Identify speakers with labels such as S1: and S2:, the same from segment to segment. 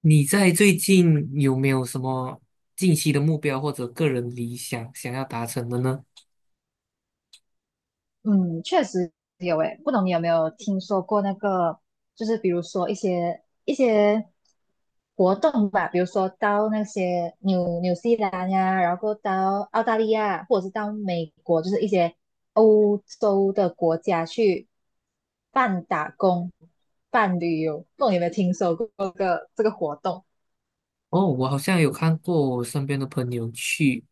S1: 你在最近有没有什么近期的目标或者个人理想想要达成的呢？
S2: 嗯，确实有诶，不懂你有没有听说过那个，就是比如说一些活动吧，比如说到那些纽西兰呀，然后到澳大利亚，或者是到美国，就是一些欧洲的国家去办打工、办旅游，不懂你有没有听说过这个活动？
S1: 哦，我好像有看过我身边的朋友去，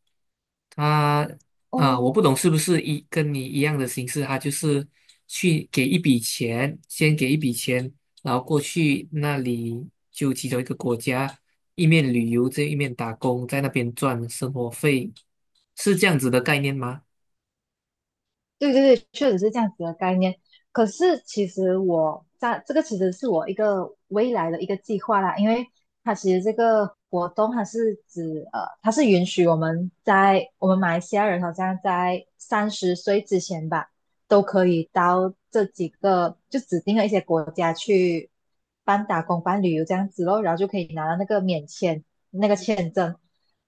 S1: 他我
S2: 哦，
S1: 不懂是不是跟你一样的形式，他就是去给一笔钱，先给一笔钱，然后过去那里就其中一个国家，一面旅游，这一面打工，在那边赚生活费，是这样子的概念吗？
S2: 对对对，确实是这样子的概念。可是其实我在这个其实是我一个未来的一个计划啦，因为它其实这个活动它是指它是允许我们在我们马来西亚人好像在三十岁之前吧，都可以到这几个就指定的一些国家去办打工、办旅游这样子咯，然后就可以拿到那个免签那个签证。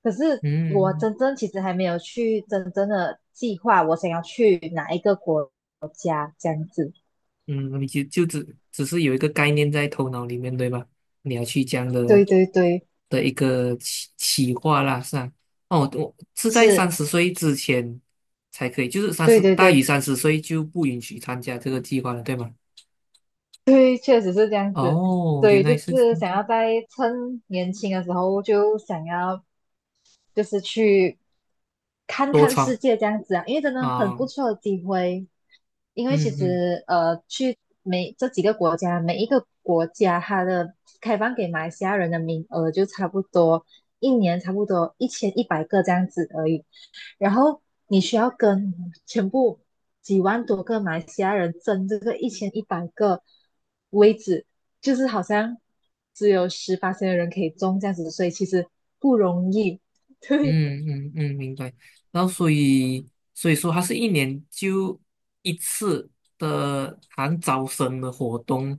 S2: 可是我
S1: 嗯
S2: 真正其实还没有去真正的计划，我想要去哪一个国家这样子。
S1: 嗯，你就只是有一个概念在头脑里面，对吧？你要去这样的
S2: 对对对，
S1: 的一个企划啦，是啊。哦，我是在三
S2: 是，
S1: 十岁之前才可以，就是三
S2: 对
S1: 十
S2: 对
S1: 大于
S2: 对。
S1: 三十岁就不允许参加这个计划了，对吗？
S2: 对，确实是这样子，
S1: 哦，
S2: 所
S1: 原
S2: 以就
S1: 来是
S2: 是想要在趁年轻的时候就想要就是去看
S1: 多
S2: 看世
S1: 创
S2: 界这样子啊，因为真的很不
S1: 啊，
S2: 错的机会。因为其
S1: 嗯嗯
S2: 实去每这几个国家，每一个国家它的开放给马来西亚人的名额就差不多一年差不多一千一百个这样子而已。然后你需要跟全部几万多个马来西亚人争这个一千一百个位置，就是好像只有18的人可以中这样子，所以其实不容易。对，
S1: 嗯，明白。然后所以说，它是一年就一次的含招生的活动，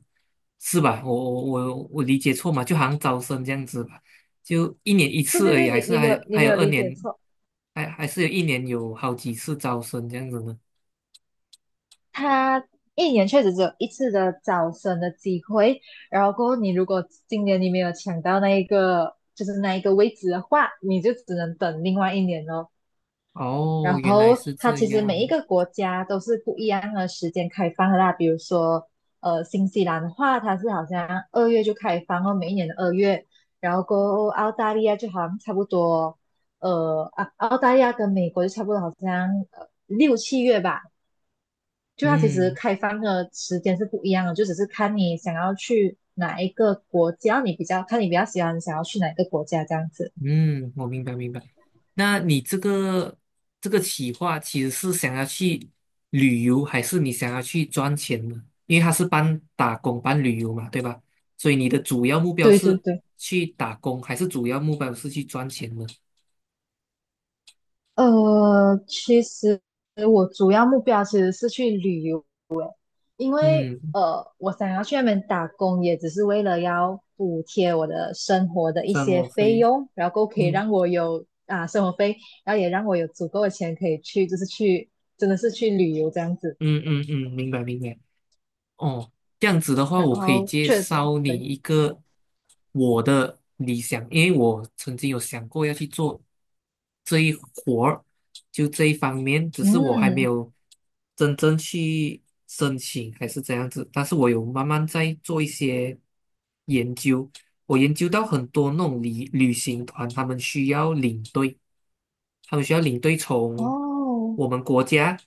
S1: 是吧？我理解错嘛？就好像招生这样子吧，就一年一
S2: 对
S1: 次
S2: 对
S1: 而
S2: 对，
S1: 已，还
S2: 你
S1: 是
S2: 你没
S1: 还
S2: 有
S1: 有
S2: 你
S1: 还
S2: 没
S1: 有
S2: 有
S1: 二
S2: 理解
S1: 年，
S2: 错，
S1: 还是有一年有好几次招生这样子呢？
S2: 他一年确实只有一次的招生的机会，然后过后你如果今年你没有抢到那一个就是那一个位置的话，你就只能等另外一年哦。
S1: 哦，
S2: 然后。
S1: 原来是
S2: 它
S1: 这
S2: 其实每一
S1: 样。
S2: 个国家都是不一样的时间开放的啦。比如说，新西兰的话，它是好像二月就开放哦，每一年的二月。然后过澳大利亚就好像差不多，呃，澳大利亚跟美国就差不多，好像六七月吧。就它其实
S1: 嗯，
S2: 开放的时间是不一样的，就只是看你想要去哪一个国家，你比较喜欢想要去哪一个国家这样子。
S1: 嗯，我明白明白。那你这个企划其实是想要去旅游，还是你想要去赚钱呢？因为它是半打工半旅游嘛，对吧？所以你的主要目标
S2: 对对
S1: 是
S2: 对。
S1: 去打工，还是主要目标是去赚钱呢？
S2: 其实我主要目标其实是去旅游，因为
S1: 嗯，
S2: 我想要去那边打工，也只是为了要补贴我的生活的一
S1: 生
S2: 些
S1: 活
S2: 费
S1: 费。
S2: 用，然后可以
S1: 嗯
S2: 让我有啊生活费，然后也让我有足够的钱可以去，就是去真的是去旅游这样子。
S1: 嗯，明白明白。哦，这样子的话，
S2: 然
S1: 我可以
S2: 后
S1: 介
S2: 确实
S1: 绍你
S2: 对，
S1: 一个我的理想，因为我曾经有想过要去做这一活儿，就这一方面，只是我还没
S2: 嗯，
S1: 有真正去申请，还是怎样子。但是我有慢慢在做一些研究，我研究到很多那种旅行团，他们需要领队。他们需要领队从
S2: 哦，
S1: 我们国家，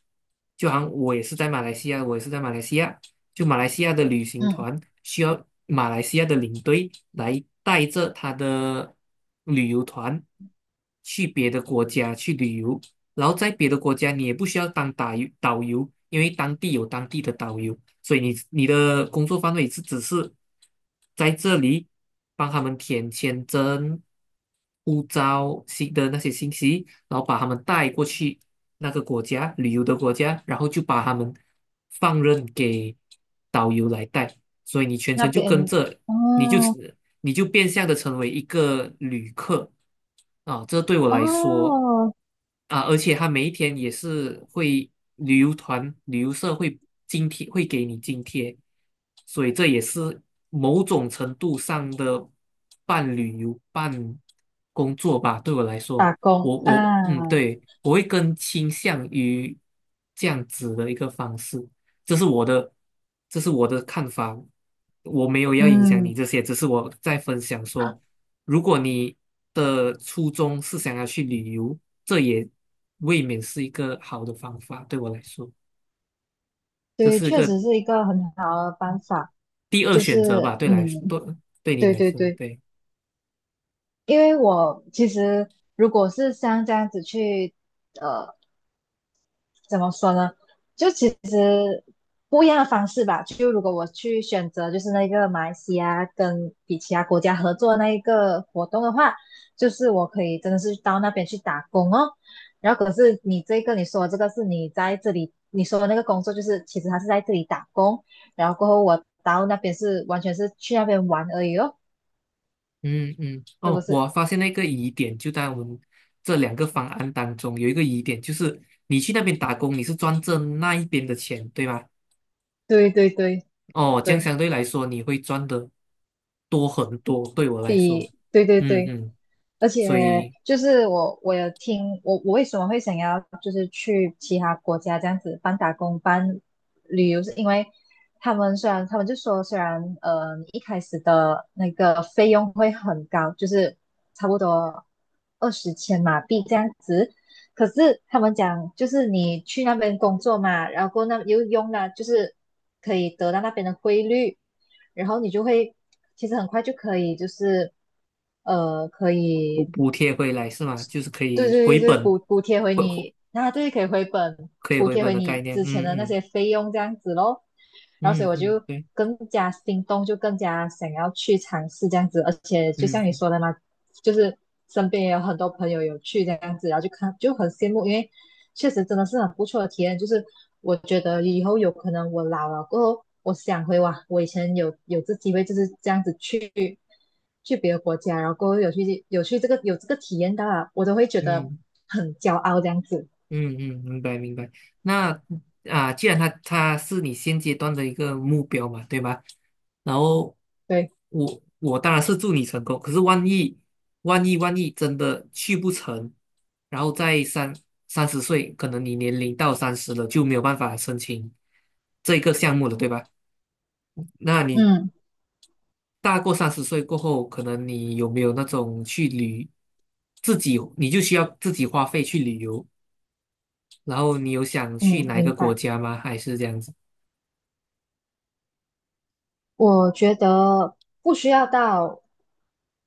S1: 就好像我也是在马来西亚，我也是在马来西亚，就马来西亚的旅行
S2: 嗯，
S1: 团需要马来西亚的领队来带着他的旅游团去别的国家去旅游，然后在别的国家你也不需要当导游，因为当地有当地的导游，所以你的工作范围是只是在这里帮他们填签证、护照信的那些信息，然后把他们带过去那个国家旅游的国家，然后就把他们放任给导游来带，所以你全
S2: 那
S1: 程就跟
S2: 边
S1: 着，你就
S2: 哦
S1: 你就变相的成为一个旅客啊，这对我来说。
S2: 哦，
S1: 啊，而且他每一天也是会旅游团、旅游社会津贴，会给你津贴，所以这也是某种程度上的半旅游、半工作吧。对我来说，
S2: 打工
S1: 我嗯，
S2: 啊，
S1: 对，我会更倾向于这样子的一个方式，这是我的，这是我的看法。我没有要影响你
S2: 嗯。
S1: 这些，只是我在分享说，如果你的初衷是想要去旅游。这也未免是一个好的方法，对我来说，这
S2: 对，
S1: 是一
S2: 确
S1: 个
S2: 实是一个很好的办法，
S1: 第二
S2: 就
S1: 选择
S2: 是
S1: 吧，对来说，
S2: 嗯，
S1: 对对你
S2: 对
S1: 来
S2: 对
S1: 说，
S2: 对，
S1: 对，
S2: 因为我其实如果是像这样子去呃。怎么说呢？就其实不一样的方式吧。就如果我去选择，就是那个马来西亚跟比其他国家合作那一个活动的话，就是我可以真的是到那边去打工哦。然后可是你这个你说这个是你在这里你说的那个工作，就是其实他是在这里打工，然后过后我到那边是完全是去那边玩而已哦，
S1: 嗯嗯，
S2: 是不
S1: 哦，
S2: 是？
S1: 我发现了一个疑点，就在我们这两个方案当中，有一个疑点就是你去那边打工，你是赚这那一边的钱，对吗？
S2: 对对对
S1: 哦，这样
S2: 对，
S1: 相对来说你会赚的多很多，对我来说，
S2: 比对对
S1: 嗯
S2: 对。
S1: 嗯，
S2: 而
S1: 所
S2: 且
S1: 以
S2: 就是我有听我我为什么会想要就是去其他国家这样子半打工半旅游，是因为他们虽然他们就说虽然你一开始的那个费用会很高，就是差不多二十千马币这样子，可是他们讲，就是你去那边工作嘛，然后那又用了，就是可以得到那边的汇率，然后你就会其实很快就可以，就是可
S1: 补
S2: 以
S1: 补贴回来是吗？就是可
S2: 对
S1: 以
S2: 对对
S1: 回
S2: 对
S1: 本，
S2: 补贴回
S1: 回回
S2: 你，那对可以回本
S1: 可以
S2: 补
S1: 回
S2: 贴
S1: 本
S2: 回
S1: 的概
S2: 你
S1: 念，
S2: 之前的那些费用这样子咯。然后所以我
S1: 嗯，
S2: 就
S1: 对。
S2: 更加心动，就更加想要去尝试这样子，而且就像你
S1: 嗯
S2: 说的嘛，就是身边也有很多朋友有去这样子，然后就看就很羡慕，因为。确实真的是很不错的体验。就是我觉得以后有可能我老了过后，我想回哇，我以前有这机会就是这样子去别的国家，然后过后有去这个这个体验到啊，我都会觉得
S1: 嗯
S2: 很骄傲这样子。
S1: 嗯，明白明白。那啊，既然他是你现阶段的一个目标嘛，对吧？然后
S2: 对，
S1: 我我当然是祝你成功，可是万一真的去不成，然后在三十岁，可能你年龄到三十了就没有办法申请这个项目了，对吧？那你
S2: 嗯
S1: 大过三十岁过后，可能你有没有那种去旅自己，你就需要自己花费去旅游，然后你有想
S2: 嗯，
S1: 去哪一
S2: 明
S1: 个国
S2: 白。
S1: 家吗？还是这样子？
S2: 我觉得不需要到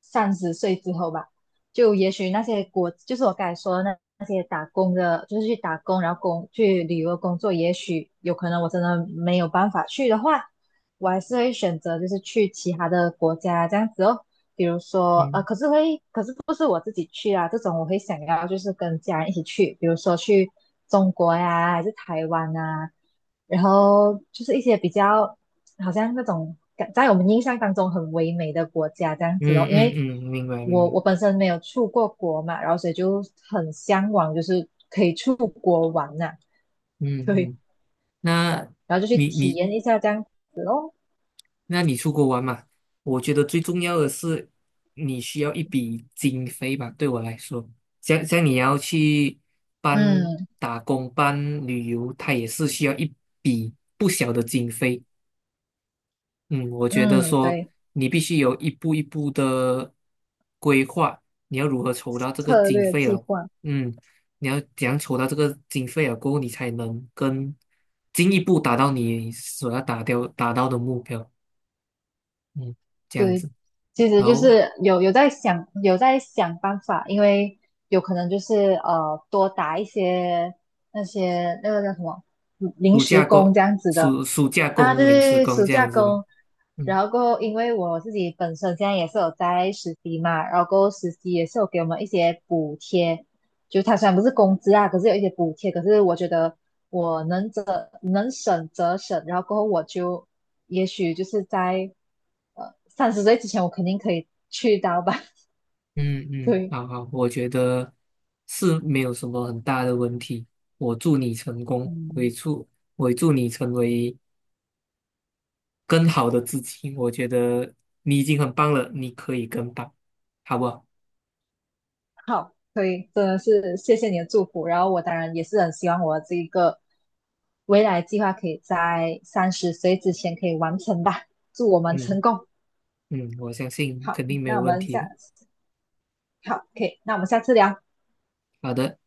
S2: 三十岁之后吧，就也许那些国，就是我刚才说的那些打工的，就是去打工，然后工去旅游工作，也许有可能我真的没有办法去的话，我还是会选择就是去其他的国家这样子哦。比如说，
S1: 嗯
S2: 可是会，可是不是我自己去啊，这种我会想要就是跟家人一起去，比如说去中国呀，还是台湾啊，然后就是一些比较。好像那种在我们印象当中很唯美的国家这样子哦。因为
S1: 嗯，明白
S2: 我
S1: 明白。
S2: 我本身没有出过国嘛，然后所以就很向往，就是可以出国玩呐、
S1: 嗯
S2: 对，
S1: 嗯，那
S2: 然后就去
S1: 你
S2: 体
S1: 你
S2: 验一下这样。
S1: 那你出国玩嘛？我觉得最重要的是你需要一笔经费吧，对我来说，像你要去办
S2: 嗯
S1: 打工、办旅游，它也是需要一笔不小的经费。嗯，我觉得
S2: 嗯，
S1: 说
S2: 对，
S1: 你必须有一步一步的规划，你要如何筹到这个
S2: 策
S1: 经
S2: 略
S1: 费
S2: 计
S1: 了？
S2: 划。
S1: 嗯，你要怎样筹到这个经费了过后，你才能更进一步达到你所要达到的目标。嗯，这样
S2: 对，
S1: 子，
S2: 其实
S1: 然
S2: 就
S1: 后
S2: 是有在想在想办法，因为有可能就是多打一些那些那个叫什么嗯临
S1: 暑
S2: 时
S1: 假
S2: 工
S1: 工
S2: 这样子的
S1: 暑暑假
S2: 啊，对
S1: 工、临
S2: 对
S1: 时
S2: 对，
S1: 工
S2: 暑
S1: 这
S2: 假
S1: 样子吧。
S2: 工。
S1: 嗯
S2: 然后过后，因为我自己本身现在也是有在实习嘛，然后过后实习也是有给我们一些补贴，就它虽然不是工资啊，可是有一些补贴，可是我觉得我能则能省则省，然后过后我就也许就是在三十岁之前，我肯定可以去到吧，
S1: 嗯 嗯，
S2: 对，
S1: 好好，我觉得是没有什么很大的问题。我祝你成功，我也
S2: 嗯，
S1: 祝我也祝你成为。更好的自己，我觉得你已经很棒了，你可以更棒，好不好？
S2: 好，所以真的是谢谢你的祝福，然后我当然也是很希望我这一个未来计划可以在三十岁之前可以完成吧，祝我们
S1: 嗯
S2: 成功。
S1: 嗯，我相信
S2: 好，
S1: 肯定没
S2: 那
S1: 有
S2: 我
S1: 问
S2: 们
S1: 题的。
S2: 下好，可以，那我们下次聊。
S1: 好的。